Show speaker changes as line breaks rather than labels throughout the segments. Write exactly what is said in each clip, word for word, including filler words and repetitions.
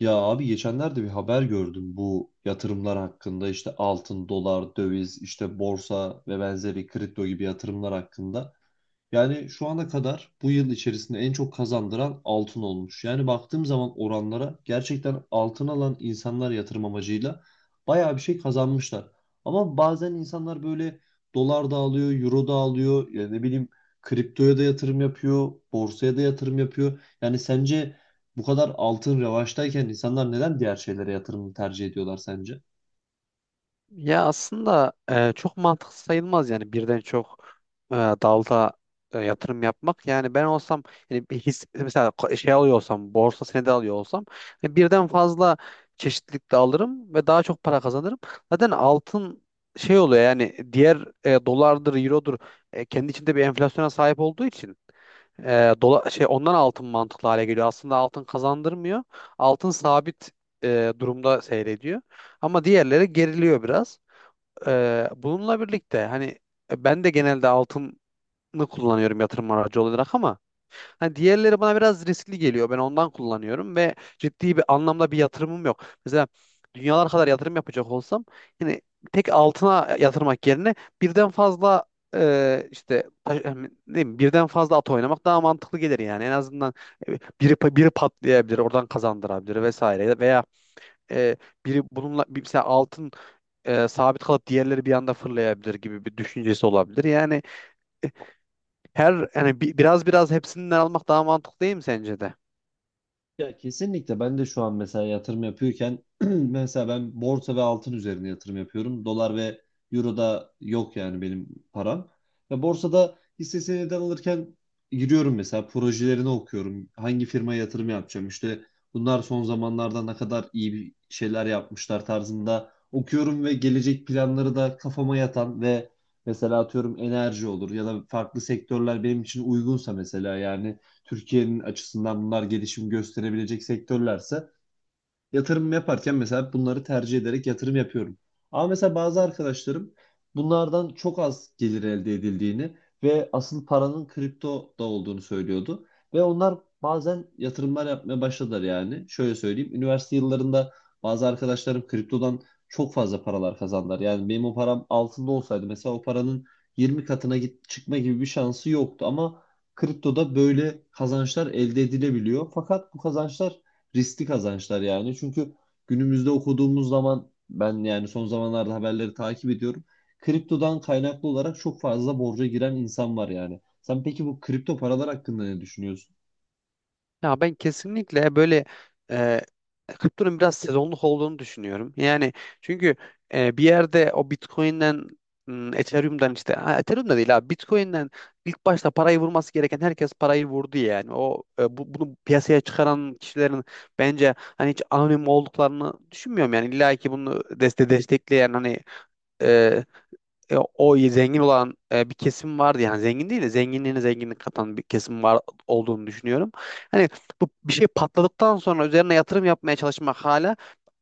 Ya abi geçenlerde bir haber gördüm bu yatırımlar hakkında işte altın, dolar, döviz, işte borsa ve benzeri kripto gibi yatırımlar hakkında. Yani şu ana kadar bu yıl içerisinde en çok kazandıran altın olmuş. Yani baktığım zaman oranlara gerçekten altın alan insanlar yatırım amacıyla bayağı bir şey kazanmışlar. Ama bazen insanlar böyle dolar da alıyor, euro da alıyor, ya ne bileyim kriptoya da yatırım yapıyor, borsaya da yatırım yapıyor. Yani sence bu kadar altın revaçtayken insanlar neden diğer şeylere yatırım tercih ediyorlar sence?
Ya aslında e, çok mantıklı sayılmaz yani birden çok e, dalda e, yatırım yapmak. Yani ben olsam yani bir his, mesela ko- şey alıyor olsam borsa senedi alıyor olsam e, birden fazla çeşitlilikte alırım ve daha çok para kazanırım. Zaten altın şey oluyor yani diğer e, dolardır, eurodur e, kendi içinde bir enflasyona sahip olduğu için e, dola, şey ondan altın mantıklı hale geliyor. Aslında altın kazandırmıyor. Altın sabit e, durumda seyrediyor. Ama diğerleri geriliyor biraz. Ee, bununla birlikte hani e, ben de genelde altını kullanıyorum yatırım aracı olarak ama hani diğerleri bana biraz riskli geliyor. Ben ondan kullanıyorum ve ciddi bir anlamda bir yatırımım yok. Mesela dünyalar kadar yatırım yapacak olsam yani tek altına yatırmak yerine birden fazla e, işte taş- ne bileyim, birden fazla at oynamak daha mantıklı gelir yani. En azından e, biri biri patlayabilir, oradan kazandırabilir vesaire veya e, biri bununla bir mesela altın e, sabit kalıp diğerleri bir anda fırlayabilir gibi bir düşüncesi olabilir. Yani her yani bi- biraz biraz hepsinden almak daha mantıklı değil mi sence de?
Ya kesinlikle ben de şu an mesela yatırım yapıyorken mesela ben borsa ve altın üzerine yatırım yapıyorum. Dolar ve euro da yok yani benim param. Ve borsada hisse senedi alırken giriyorum mesela projelerini okuyorum. Hangi firmaya yatırım yapacağım işte bunlar son zamanlarda ne kadar iyi bir şeyler yapmışlar tarzında okuyorum ve gelecek planları da kafama yatan ve mesela atıyorum enerji olur ya da farklı sektörler benim için uygunsa mesela yani Türkiye'nin açısından bunlar gelişim gösterebilecek sektörlerse yatırım yaparken mesela bunları tercih ederek yatırım yapıyorum. Ama mesela bazı arkadaşlarım bunlardan çok az gelir elde edildiğini ve asıl paranın kriptoda olduğunu söylüyordu. Ve onlar bazen yatırımlar yapmaya başladılar yani. Şöyle söyleyeyim, üniversite yıllarında bazı arkadaşlarım kriptodan çok fazla paralar kazandılar. Yani benim o param altında olsaydı mesela o paranın yirmi katına git çıkma gibi bir şansı yoktu ama kriptoda böyle kazançlar elde edilebiliyor. Fakat bu kazançlar riskli kazançlar yani. Çünkü günümüzde okuduğumuz zaman ben yani son zamanlarda haberleri takip ediyorum. Kriptodan kaynaklı olarak çok fazla borca giren insan var yani. Sen peki bu kripto paralar hakkında ne düşünüyorsun?
Ya ben kesinlikle böyle e, kriptonun biraz sezonluk olduğunu düşünüyorum. Yani çünkü e, bir yerde o Bitcoin'den m, Ethereum'dan işte ha, Ethereum'da değil abi Bitcoin'den ilk başta parayı vurması gereken herkes parayı vurdu yani. O e, bu, bunu piyasaya çıkaran kişilerin bence hani hiç anonim olduklarını düşünmüyorum yani illa ki bunu deste destekleyen hani e, e, o zengin olan e, bir kesim vardı yani zengin değil de zenginliğine zenginlik katan bir kesim var olduğunu düşünüyorum. Hani bu bir şey patladıktan sonra üzerine yatırım yapmaya çalışmak hala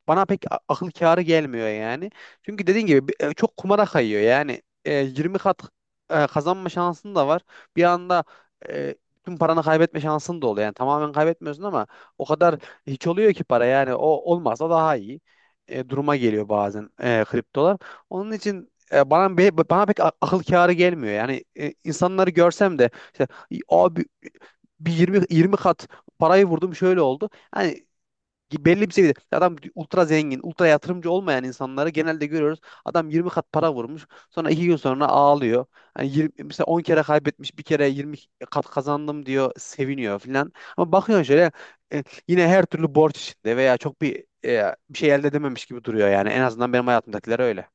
bana pek a- akıl kârı gelmiyor yani. Çünkü dediğin gibi bi- e, çok kumara kayıyor. Yani e, yirmi kat e, kazanma şansın da var. Bir anda e, tüm paranı kaybetme şansın da oluyor. Yani tamamen kaybetmiyorsun ama o kadar hiç oluyor ki para. Yani o olmazsa daha iyi e, duruma geliyor bazen e, kriptolar. Onun için e, bana be- bana pek a- akıl kârı gelmiyor. Yani e, insanları görsem de işte abi bir yirmi yirmi kat parayı vurdum şöyle oldu. Yani belli bir seviyede adam ultra zengin, ultra yatırımcı olmayan insanları genelde görüyoruz. Adam yirmi kat para vurmuş. Sonra iki gün sonra ağlıyor. Hani yirmi, mesela on kere kaybetmiş, bir kere yirmi kat kazandım diyor, seviniyor filan. Ama bakıyorsun şöyle e, yine her türlü borç içinde veya çok bir e, bir şey elde edememiş gibi duruyor yani. En azından benim hayatımdakiler öyle.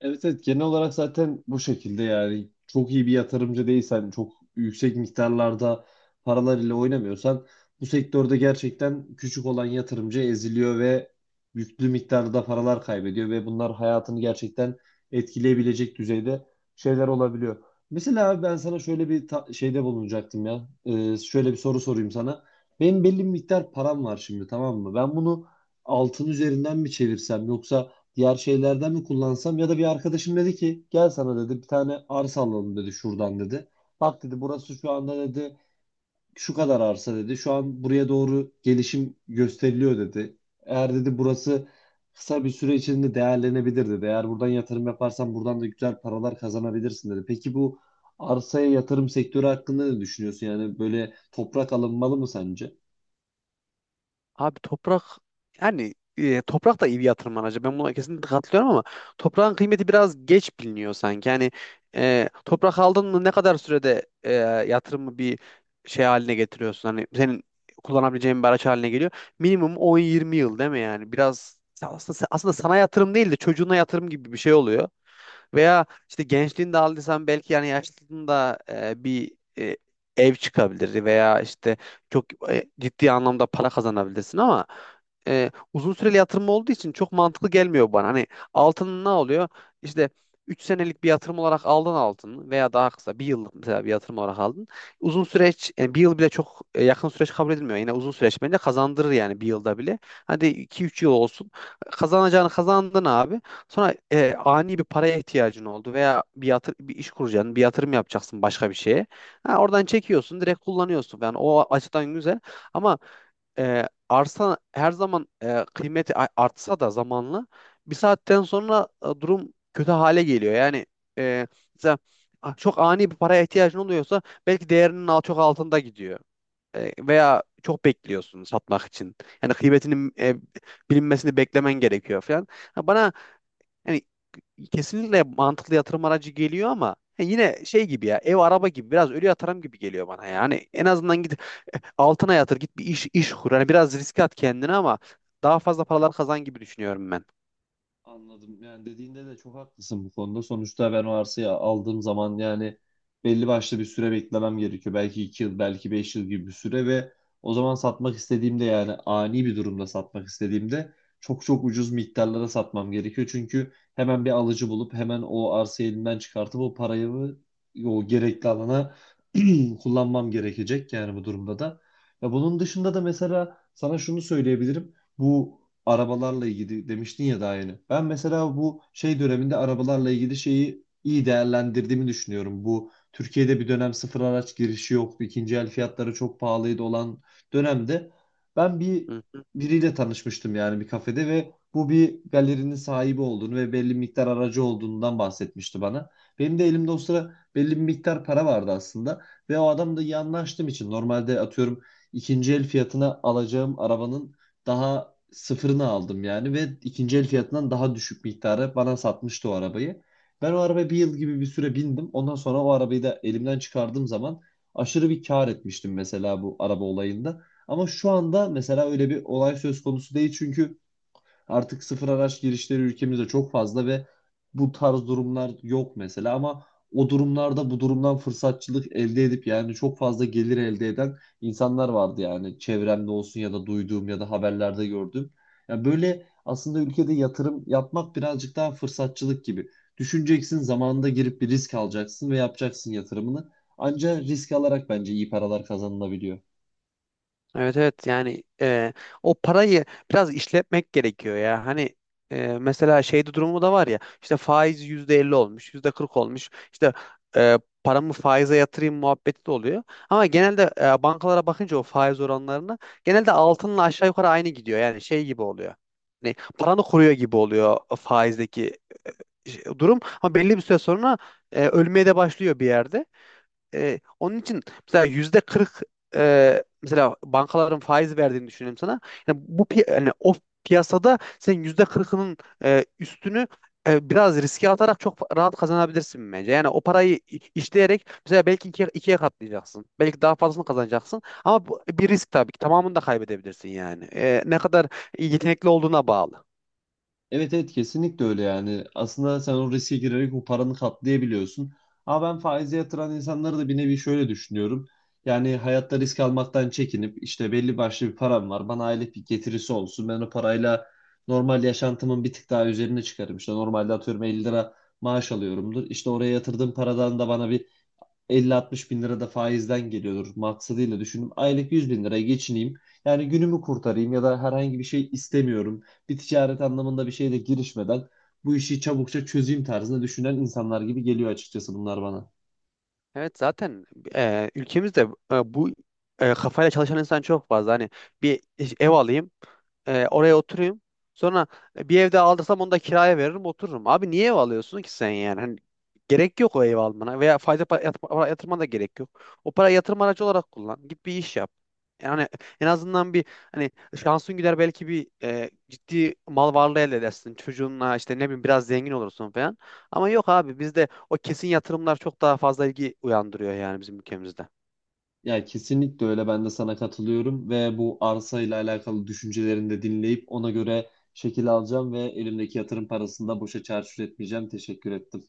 Evet, evet, genel olarak zaten bu şekilde yani çok iyi bir yatırımcı değilsen çok yüksek miktarlarda paralar ile oynamıyorsan bu sektörde gerçekten küçük olan yatırımcı eziliyor ve yüklü miktarda paralar kaybediyor ve bunlar hayatını gerçekten etkileyebilecek düzeyde şeyler olabiliyor. Mesela abi ben sana şöyle bir ta- şeyde bulunacaktım ya. Ee, şöyle bir soru sorayım sana. Benim belli bir miktar param var şimdi, tamam mı? Ben bunu altın üzerinden mi çevirsem yoksa diğer şeylerden mi kullansam ya da bir arkadaşım dedi ki gel sana dedi bir tane arsa alalım dedi şuradan dedi. Bak dedi burası şu anda dedi şu kadar arsa dedi. Şu an buraya doğru gelişim gösteriliyor dedi. Eğer dedi burası kısa bir süre içinde değerlenebilir dedi. Eğer buradan yatırım yaparsan buradan da güzel paralar kazanabilirsin dedi. Peki bu arsaya yatırım sektörü hakkında ne düşünüyorsun? Yani böyle toprak alınmalı mı sence?
Abi toprak yani e, toprak da iyi bir yatırım aracı. Ben buna kesinlikle katılıyorum ama toprağın kıymeti biraz geç biliniyor sanki. Yani e, toprak aldın mı ne kadar sürede e, yatırımı bir şey haline getiriyorsun? Hani senin kullanabileceğin bir araç haline geliyor. Minimum on yirmi yıl değil mi yani? Biraz aslında, aslında sana yatırım değil de çocuğuna yatırım gibi bir şey oluyor. Veya işte gençliğinde aldıysan belki yani yaşlılığında e, bir e, ev çıkabilir veya işte çok e, ciddi anlamda para kazanabilirsin ama e, uzun süreli yatırım olduğu için çok mantıklı gelmiyor bana. Hani altın ne oluyor? İşte üç senelik bir yatırım olarak aldın altını veya daha kısa bir yıllık mesela bir yatırım olarak aldın. Uzun süreç yani bir yıl bile çok e, yakın süreç kabul edilmiyor. Yine uzun süreç bence kazandırır yani bir yılda bile. Hadi iki üç yıl olsun. Kazanacağını kazandın abi. Sonra e, ani bir paraya ihtiyacın oldu veya bir yatır bir iş kuracaksın, bir yatırım yapacaksın başka bir şeye. Ha, Oradan çekiyorsun, direkt kullanıyorsun falan. O açıdan güzel ama e, arsa her zaman e, kıymeti a- artsa da zamanla bir saatten sonra e, durum kötü hale geliyor. Yani e, mesela a- çok ani bir paraya ihtiyacın oluyorsa belki değerinin al- çok altında gidiyor. E, veya çok bekliyorsun satmak için. Yani kıymetinin e, bilinmesini beklemen gerekiyor falan. Ha, Bana yani kesinlikle mantıklı yatırım aracı geliyor ama he, yine şey gibi ya ev araba gibi biraz ölü yatırım gibi geliyor bana yani en azından git altına yatır git bir iş iş kur hani biraz riske at kendini ama daha fazla paralar kazan gibi düşünüyorum ben.
Anladım. Yani dediğinde de çok haklısın bu konuda. Sonuçta ben o arsayı aldığım zaman yani belli başlı bir süre beklemem gerekiyor. Belki iki yıl, belki beş yıl gibi bir süre ve o zaman satmak istediğimde yani ani bir durumda satmak istediğimde çok çok ucuz miktarlara satmam gerekiyor. Çünkü hemen bir alıcı bulup hemen o arsayı elimden çıkartıp o parayı o gerekli alana kullanmam gerekecek yani, bu durumda da. Ya bunun dışında da mesela sana şunu söyleyebilirim. Bu arabalarla ilgili demiştin ya daha yeni. Ben mesela bu şey döneminde arabalarla ilgili şeyi iyi değerlendirdiğimi düşünüyorum. Bu Türkiye'de bir dönem sıfır araç girişi yoktu. İkinci el fiyatları çok pahalıydı olan dönemde ben bir
Hı.
biriyle tanışmıştım yani bir kafede ve bu bir galerinin sahibi olduğunu ve belli miktar aracı olduğundan bahsetmişti bana. Benim de elimde o sıra belli bir miktar para vardı aslında ve o adamla iyi anlaştığım için normalde atıyorum ikinci el fiyatına alacağım arabanın daha sıfırını aldım yani ve ikinci el fiyatından daha düşük miktara bana satmıştı o arabayı. Ben o arabaya bir yıl gibi bir süre bindim. Ondan sonra o arabayı da elimden çıkardığım zaman aşırı bir kar etmiştim mesela bu araba olayında. Ama şu anda mesela öyle bir olay söz konusu değil çünkü artık sıfır araç girişleri ülkemizde çok fazla ve bu tarz durumlar yok mesela ama o durumlarda bu durumdan fırsatçılık elde edip yani çok fazla gelir elde eden insanlar vardı yani, çevremde olsun ya da duyduğum ya da haberlerde gördüğüm. Yani böyle aslında ülkede yatırım yapmak birazcık daha fırsatçılık gibi. Düşüneceksin, zamanında girip bir risk alacaksın ve yapacaksın yatırımını. Ancak risk alarak bence iyi paralar kazanılabiliyor.
Evet, evet, yani e, o parayı biraz işletmek gerekiyor ya. Hani e, mesela şeyde durumu da var ya işte faiz yüzde elli olmuş yüzde kırk olmuş işte e, paramı faize yatırayım muhabbeti de oluyor. Ama genelde e, bankalara bakınca o faiz oranlarına genelde altınla aşağı yukarı aynı gidiyor yani şey gibi oluyor. Hani paranı koruyor gibi oluyor faizdeki şey- durum ama belli bir süre sonra e, ölmeye de başlıyor bir yerde. E, onun için mesela yüzde kırk e, mesela bankaların faiz verdiğini düşünelim sana. Yani bu pi- yani o piyasada sen yüzde kırkının e, üstünü e, biraz riske atarak çok rahat kazanabilirsin bence. Yani o parayı i- işleyerek mesela belki ikiye, ikiye katlayacaksın. Belki daha fazlasını kazanacaksın. Ama bu bir risk tabii ki. Tamamını da kaybedebilirsin yani. E, ne kadar yetenekli olduğuna bağlı.
Evet, evet, kesinlikle öyle yani. Aslında sen o riske girerek o paranı katlayabiliyorsun. Ama ben faize yatıran insanları da bir nevi şöyle düşünüyorum. Yani hayatta risk almaktan çekinip işte belli başlı bir param var. Bana aylık bir getirisi olsun. Ben o parayla normal yaşantımın bir tık daha üzerine çıkarım. İşte normalde atıyorum elli lira maaş alıyorumdur. İşte oraya yatırdığım paradan da bana bir elli altmış bin lira da faizden geliyordur maksadıyla düşündüm. Aylık yüz bin liraya geçineyim. Yani günümü kurtarayım ya da herhangi bir şey istemiyorum. Bir ticaret anlamında bir şeyle girişmeden bu işi çabukça çözeyim tarzında düşünen insanlar gibi geliyor açıkçası bunlar bana.
Evet, zaten e, ülkemizde e, bu e, kafayla çalışan insan çok fazla. Hani bir ev alayım, e, oraya oturayım. Sonra bir evde aldırsam onu da kiraya veririm, otururum. Abi niye ev alıyorsun ki sen yani? Hani gerek yok o ev almana veya faize pa- yat- para yatırmana da gerek yok. O para yatırım aracı olarak kullan. Git bir iş yap. Yani en azından bir hani şansın gider belki bir e, ciddi mal varlığı elde edersin. Çocuğunla işte ne bileyim biraz zengin olursun falan. Ama yok abi bizde o kesin yatırımlar çok daha fazla ilgi uyandırıyor yani bizim ülkemizde.
Ya kesinlikle öyle, ben de sana katılıyorum ve bu arsa ile alakalı düşüncelerini de dinleyip ona göre şekil alacağım ve elimdeki yatırım parasını da boşa çarçur etmeyeceğim. Teşekkür ettim.